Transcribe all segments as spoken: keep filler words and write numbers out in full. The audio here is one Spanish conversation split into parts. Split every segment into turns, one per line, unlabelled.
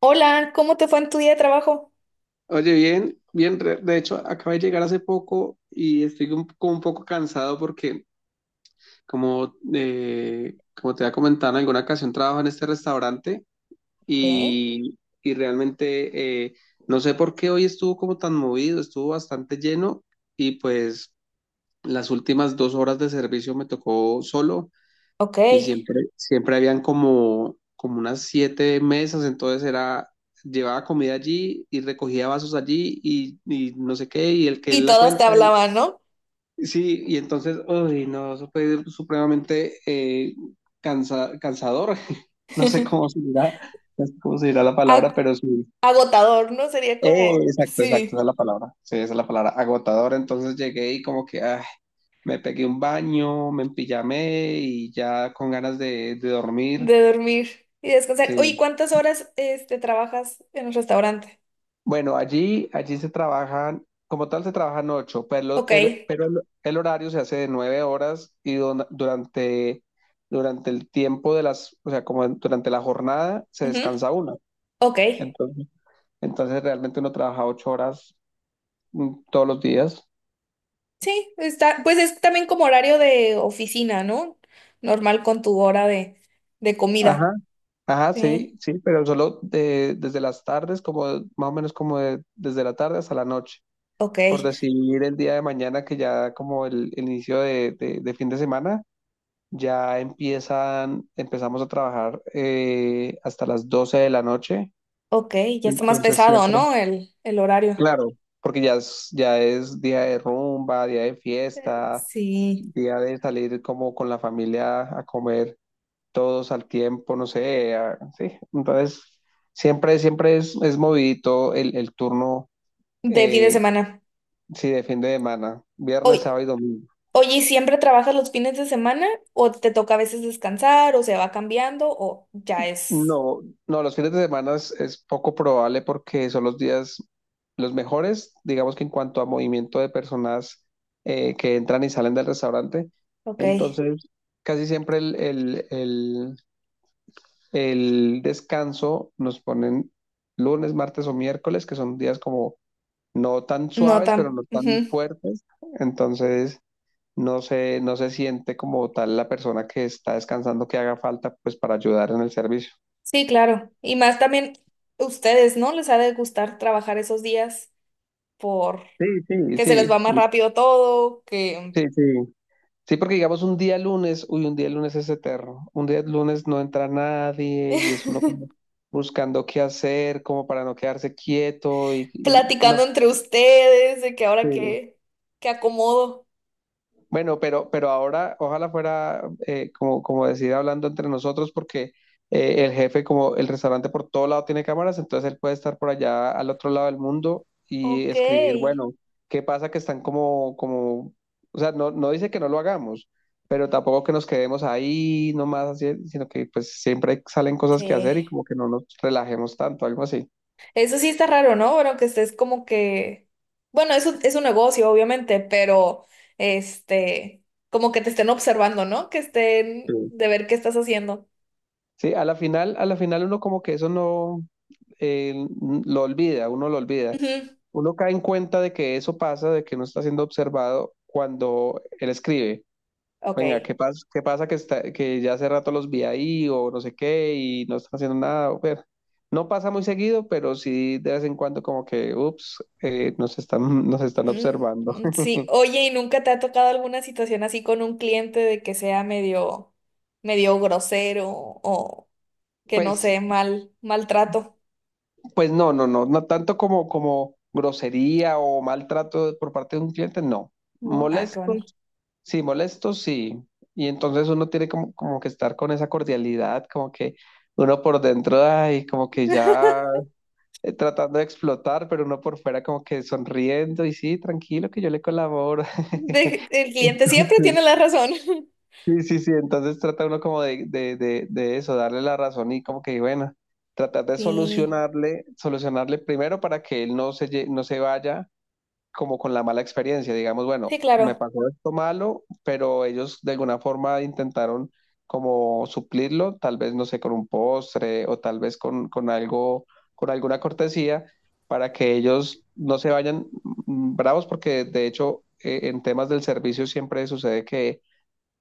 Hola, ¿cómo te fue en tu día de trabajo?
Oye, bien, bien, re- de hecho acabo de llegar hace poco y estoy un, como un poco cansado porque como, eh, como te había comentado en alguna ocasión, trabajo en este restaurante
Ok,
y, y realmente eh, no sé por qué hoy estuvo como tan movido, estuvo bastante lleno y pues las últimas dos horas de servicio me tocó solo.
ok.
Y siempre, siempre habían como, como unas siete mesas, entonces era, llevaba comida allí y recogía vasos allí y, y no sé qué, y el que
Y
él la
todas te
cuenta.
hablaban, ¿no?
Y- sí, y entonces, uy, no, eso fue supremamente eh, cansa- cansador. No sé cómo se dirá, no sé cómo se dirá la palabra,
Ag-
pero sí.
Agotador, ¿no? Sería
Eh,
como,
exacto, exacto, esa es
sí,
la palabra. Sí, esa es la palabra, agotador. Entonces llegué y como que, ah, me pegué un baño, me empillamé y ya con ganas de de dormir.
de dormir y descansar. Oye,
Sí.
¿cuántas horas este, trabajas en el restaurante?
Bueno, allí, allí se trabajan, como tal se trabajan ocho, pero
Ok,
el, pero el, el horario se hace de nueve horas y don- durante, durante el tiempo de las, o sea, como en- durante la jornada se
ujú,
descansa una.
ok.
Entonces, entonces realmente uno trabaja ocho horas mm, todos los días.
Sí, está, pues es también como horario de oficina, ¿no? Normal con tu hora de, de
Ajá,
comida.
ajá, sí,
Sí,
sí, pero solo de- desde las tardes, como de- más o menos como de- desde la tarde hasta la noche.
ok,
Por decir el día de mañana, que ya como el, el inicio de de- de fin de semana. Ya empiezan, empezamos a trabajar eh, hasta las doce de la noche.
ok. Ya está más
Entonces
pesado,
siempre,
¿no? El, el horario.
claro, porque ya es, ya es día de rumba, día de fiesta,
Sí,
día de salir como con la familia a comer todos al tiempo, no sé, a- sí. Entonces siempre, siempre es, es movidito el, el turno,
de fin de
eh,
semana.
si depende de semana,
Hoy.
viernes, sábado y domingo.
Oye, ¿y siempre trabajas los fines de semana? ¿O te toca a veces descansar? ¿O se va cambiando? ¿O ya es?
No, no, los fines de semana es, es poco probable porque son los días los mejores, digamos que en cuanto a movimiento de personas eh, que entran y salen del restaurante.
Ok.
Entonces, casi siempre el, el- el- el descanso nos ponen lunes, martes o miércoles, que son días como no tan
No
suaves, pero
tan.
no tan
Ujú.
fuertes. Entonces, no se, no se siente como tal la persona que está descansando que haga falta pues para ayudar en el servicio.
Sí, claro. Y más también ustedes, ¿no? Les ha de gustar trabajar esos días por
Sí, sí,
que se les va
sí.
más rápido todo, que
Sí, sí. Sí, porque digamos un día lunes, uy, un día lunes es eterno. Un día lunes no entra nadie y es uno como buscando qué hacer, como para no quedarse quieto y, y-
platicando
no.
entre ustedes, de que
Sí.
ahora que, que acomodo.
Bueno, pero, pero ahora ojalá fuera, eh, como, como decir hablando entre nosotros, porque eh, el jefe, como el restaurante por todo lado tiene cámaras, entonces él puede estar por allá al otro lado del mundo y
Ok.
escribir, bueno, ¿qué pasa que están como, como, o sea, no, no dice que no lo hagamos, pero tampoco que nos quedemos ahí nomás, así, sino que pues siempre salen cosas que hacer
Sí.
y como que no nos relajemos tanto, algo así.
Eso sí está raro, ¿no? Bueno, que estés como que, bueno, eso es un negocio, obviamente, pero este, como que te estén observando, ¿no? Que estén
Sí.
de ver qué estás haciendo.
Sí, a la final, a la final uno como que eso no, eh, lo olvida, uno lo olvida.
Ujú,
Uno cae en cuenta de que eso pasa, de que no está siendo observado cuando él escribe. Venga,
ok.
¿qué pasa? ¿Qué pasa que está, que ya hace rato los vi ahí o no sé qué y no están haciendo nada? O ver, no pasa muy seguido, pero sí de vez en cuando como que, ups, eh, nos están, nos están
Mm,
observando.
mm, sí, oye, ¿y nunca te ha tocado alguna situación así con un cliente de que sea medio, medio grosero o que no
Pues,
sé, mal, maltrato?
pues no, no, no, no tanto como, como grosería o maltrato por parte de un cliente, no.
No, ah, qué bueno.
Molestos, sí, molesto, sí. Y entonces uno tiene como, como que estar con esa cordialidad, como que uno por dentro, ay, como que ya eh, tratando de explotar, pero uno por fuera como que sonriendo y sí, tranquilo que yo le colaboro.
De- el cliente siempre tiene la razón.
Sí, sí, sí, entonces trata uno como de, de, de, de eso, darle la razón y como que, bueno, tratar de
Sí,
solucionarle, solucionarle primero para que él no se, lle- no se vaya como con la mala experiencia, digamos,
sí,
bueno, me
claro.
pasó esto malo, pero ellos de alguna forma intentaron como suplirlo, tal vez, no sé, con un postre o tal vez con, con algo, con alguna cortesía para que ellos no se vayan mm, bravos, porque de hecho eh, en temas del servicio siempre sucede que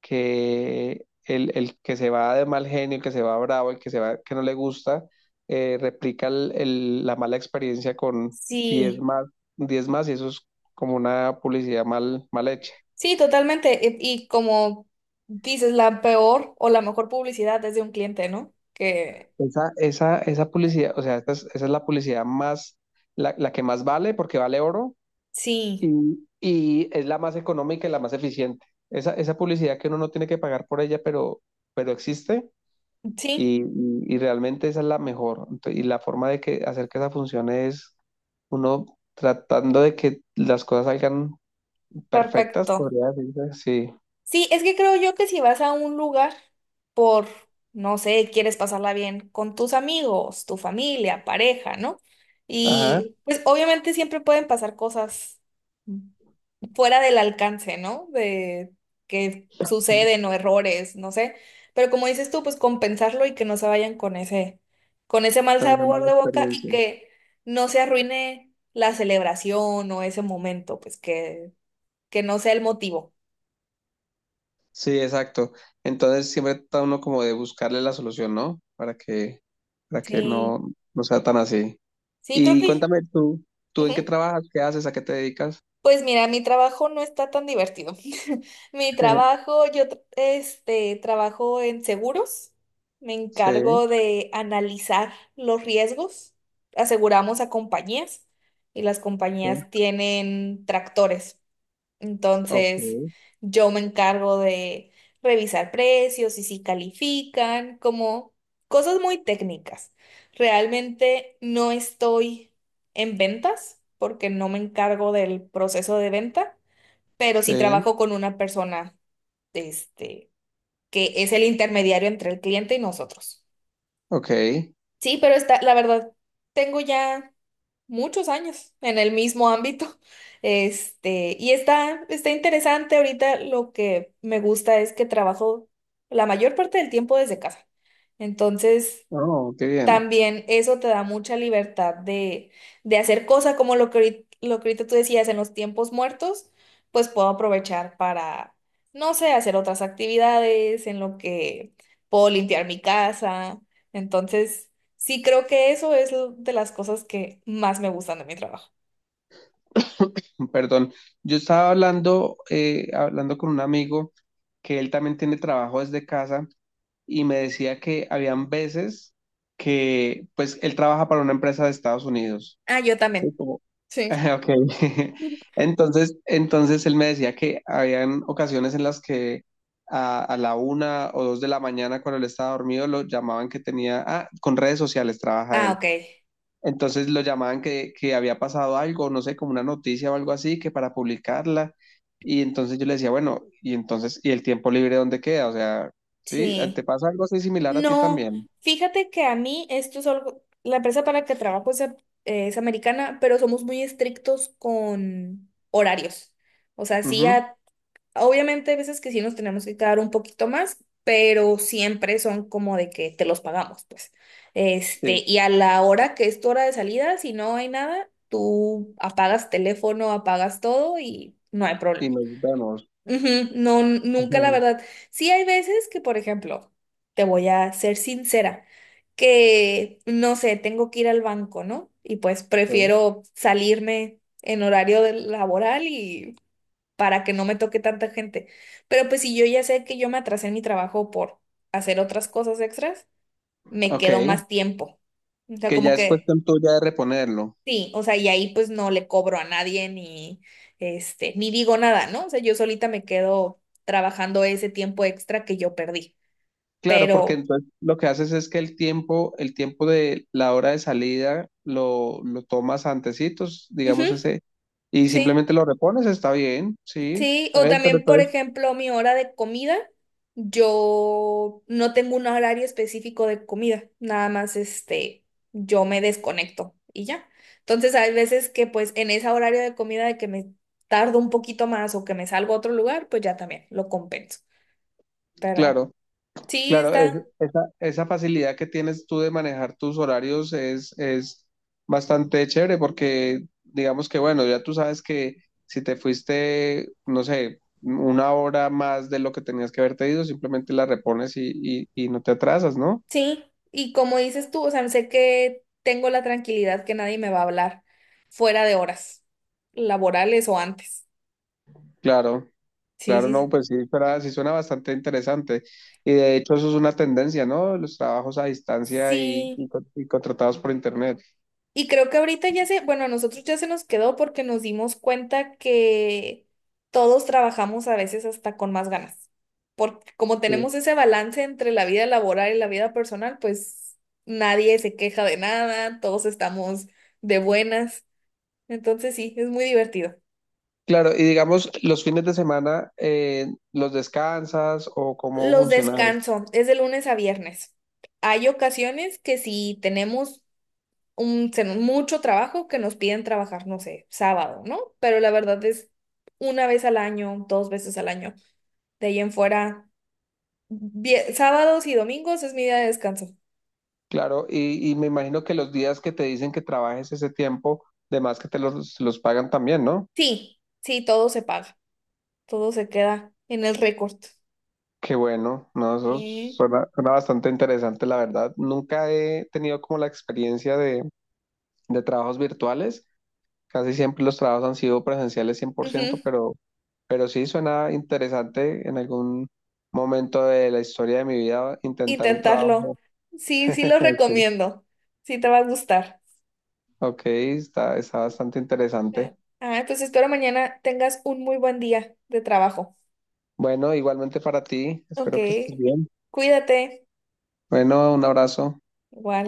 que el, el que se va de mal genio, el que se va bravo, el que se va que no le gusta, eh, replica el- el- la mala experiencia con diez
Sí.
más, diez más y eso es como una publicidad mal, mal hecha.
Sí, totalmente. E- Y como dices, la peor o la mejor publicidad es de un cliente, ¿no? Que
Esa, esa, esa publicidad, o sea, esta es- esa es la publicidad más, la, la que más vale porque vale oro
sí,
y, y es la más económica y la más eficiente. Esa, esa publicidad que uno no tiene que pagar por ella, pero, pero existe,
sí,
Y, y- y realmente esa es la mejor. Ento- Y la forma de que hacer que esa funcione es uno tratando de que las cosas salgan perfectas,
perfecto.
podría decirse. Sí,
Sí, es que creo yo que si vas a un lugar por, no sé, quieres pasarla bien con tus amigos, tu familia, pareja, ¿no?
ajá,
Y pues obviamente siempre pueden pasar cosas fuera del alcance, ¿no? De que suceden o errores, no sé. Pero como dices tú, pues compensarlo y que no se vayan con ese, con ese mal
con esa
sabor
mala
de boca y
experiencia.
que no se arruine la celebración o ese momento, pues que, que no sea el motivo.
Sí, exacto. Entonces siempre trata uno como de buscarle la solución, ¿no? Para que, para que
Sí,
no, no sea tan así.
sí, creo
Y
que...
cuéntame tú, ¿tú en qué
Ujú.
trabajas? ¿Qué haces? ¿A qué te dedicas?
Pues mira, mi trabajo no está tan divertido. Mi trabajo, yo tra- este, trabajo en seguros, me
Sí,
encargo de analizar los riesgos, aseguramos a compañías y las
sí,
compañías tienen tractores.
ok,
Entonces, yo me encargo de revisar precios y si califican, como cosas muy técnicas. Realmente no estoy en ventas porque no me encargo del proceso de venta, pero sí
sí,
trabajo con una persona, este, que es el intermediario entre el cliente y nosotros.
ok.
Sí, pero está, la verdad, tengo ya muchos años en el mismo ámbito. Este, y está, está interesante. Ahorita lo que me gusta es que trabajo la mayor parte del tiempo desde casa. Entonces,
Oh, qué bien.
también eso te da mucha libertad de, de hacer cosas como lo que, ahorit- lo que ahorita tú decías en los tiempos muertos, pues puedo aprovechar para, no sé, hacer otras actividades, en lo que puedo limpiar mi casa. Entonces, sí creo que eso es lo- de las cosas que más me gustan de mi trabajo.
Perdón, yo estaba hablando, eh, hablando con un amigo que él también tiene trabajo desde casa y me decía que habían veces que, pues, él trabaja para una empresa de Estados Unidos.
Ah, yo
Sí,
también.
como-
Sí.
Ok. Entonces, entonces él me decía que habían ocasiones en las que a, a la una o dos de la mañana cuando él estaba dormido lo llamaban que tenía, ah, con redes sociales trabaja
Ah,
él
ok.
entonces lo llamaban que, que había pasado algo, no sé, como una noticia o algo así, que para publicarla. Y entonces yo le decía, bueno, y entonces, ¿y el tiempo libre dónde queda? O sea, ¿sí? Eh, ¿te
Sí.
pasa algo así similar a ti
No,
también?
fíjate que a mí esto es algo, la empresa para la que trabajo es, a- eh, es americana, pero somos muy estrictos con horarios. O sea, sí,
Ujú,
a- obviamente hay veces que sí nos tenemos que quedar un poquito más, pero siempre son como de que te los pagamos, pues.
sí,
Este, y a la hora que es tu hora de salida, si no hay nada, tú apagas teléfono, apagas todo y no hay problema.
y nos vemos.
Ujú, no, n- nunca la
Ujú,
verdad. Sí hay veces que, por ejemplo, te voy a ser sincera, que, no sé, tengo que ir al banco, ¿no? Y pues
sí.
prefiero salirme en horario del- laboral y para que no me toque tanta gente. Pero pues si yo ya sé que yo me atrasé en mi trabajo por hacer otras cosas extras, me
Ok,
quedo más tiempo. O sea,
que
como
ya es
que
cuestión tuya de reponerlo.
sí, o sea, y ahí pues no le cobro a nadie ni este, ni digo nada, ¿no? O sea, yo solita me quedo trabajando ese tiempo extra que yo perdí.
Claro, porque
Pero,
entonces lo que haces es que el tiempo, el tiempo de la hora de salida lo, lo tomas antecitos, digamos
ujú,
ese, y
sí,
simplemente lo repones, está bien, sí,
sí.
está
O
bien, pero
también, por
entonces
ejemplo, mi hora de comida, yo no tengo un horario específico de comida, nada más este, yo me desconecto y ya. Entonces, hay veces que pues en ese horario de comida de que me tardo un poquito más o que me salgo a otro lugar, pues ya también lo compenso. Pero.
claro,
Sí,
claro, es-
está,
esa, esa facilidad que tienes tú de manejar tus horarios es, es bastante chévere porque digamos que bueno, ya tú sabes que si te fuiste, no sé, una hora más de lo que tenías que haberte ido, simplemente la repones y, y, y no te atrasas, ¿no?
sí. Y como dices tú, o sea, sé que tengo la tranquilidad que nadie me va a hablar fuera de horas laborales o antes.
Claro,
Sí,
claro,
sí,
no,
sí.
pues sí, pero sí suena bastante interesante. Y de hecho
Sí, y creo que ahorita ya se, bueno, a nosotros ya se nos quedó porque nos dimos cuenta que todos trabajamos a veces hasta con más ganas. Porque como tenemos ese balance entre la vida laboral y la vida personal, pues nadie se queja de nada, todos estamos de buenas. Entonces sí, es muy divertido.
claro, y digamos, los fines de semana, eh, ¿los descansas o cómo
Los
funciona eso?
descanso, es de lunes a viernes. Hay ocasiones que si tenemos un, ten- mucho trabajo que nos piden trabajar, no sé, sábado, ¿no? Pero la verdad es una vez al año, dos veces al año. De ahí en fuera, vie- sábados y domingos es mi día de descanso.
Claro, y, y me imagino que los días que te dicen que trabajes ese tiempo, de más que te los, los pagan también, ¿no?
Sí, sí, todo se paga, todo se queda en el récord.
Qué bueno, ¿no? Eso
Sí.
suena, suena bastante interesante, la verdad. Nunca he tenido como la experiencia de, de trabajos virtuales, casi siempre los trabajos han sido presenciales cien por ciento,
Ujú,
pero, pero sí suena interesante en algún momento de la historia de mi vida intentar un
intentarlo.
trabajo.
Sí, sí lo recomiendo. Sí te va a gustar.
Ok, está, está bastante
Ah,
interesante.
ah, pues espero mañana tengas un muy buen día de trabajo.
Bueno, igualmente para ti,
Ok,
espero que estés bien.
cuídate.
Bueno, un abrazo.
Igual.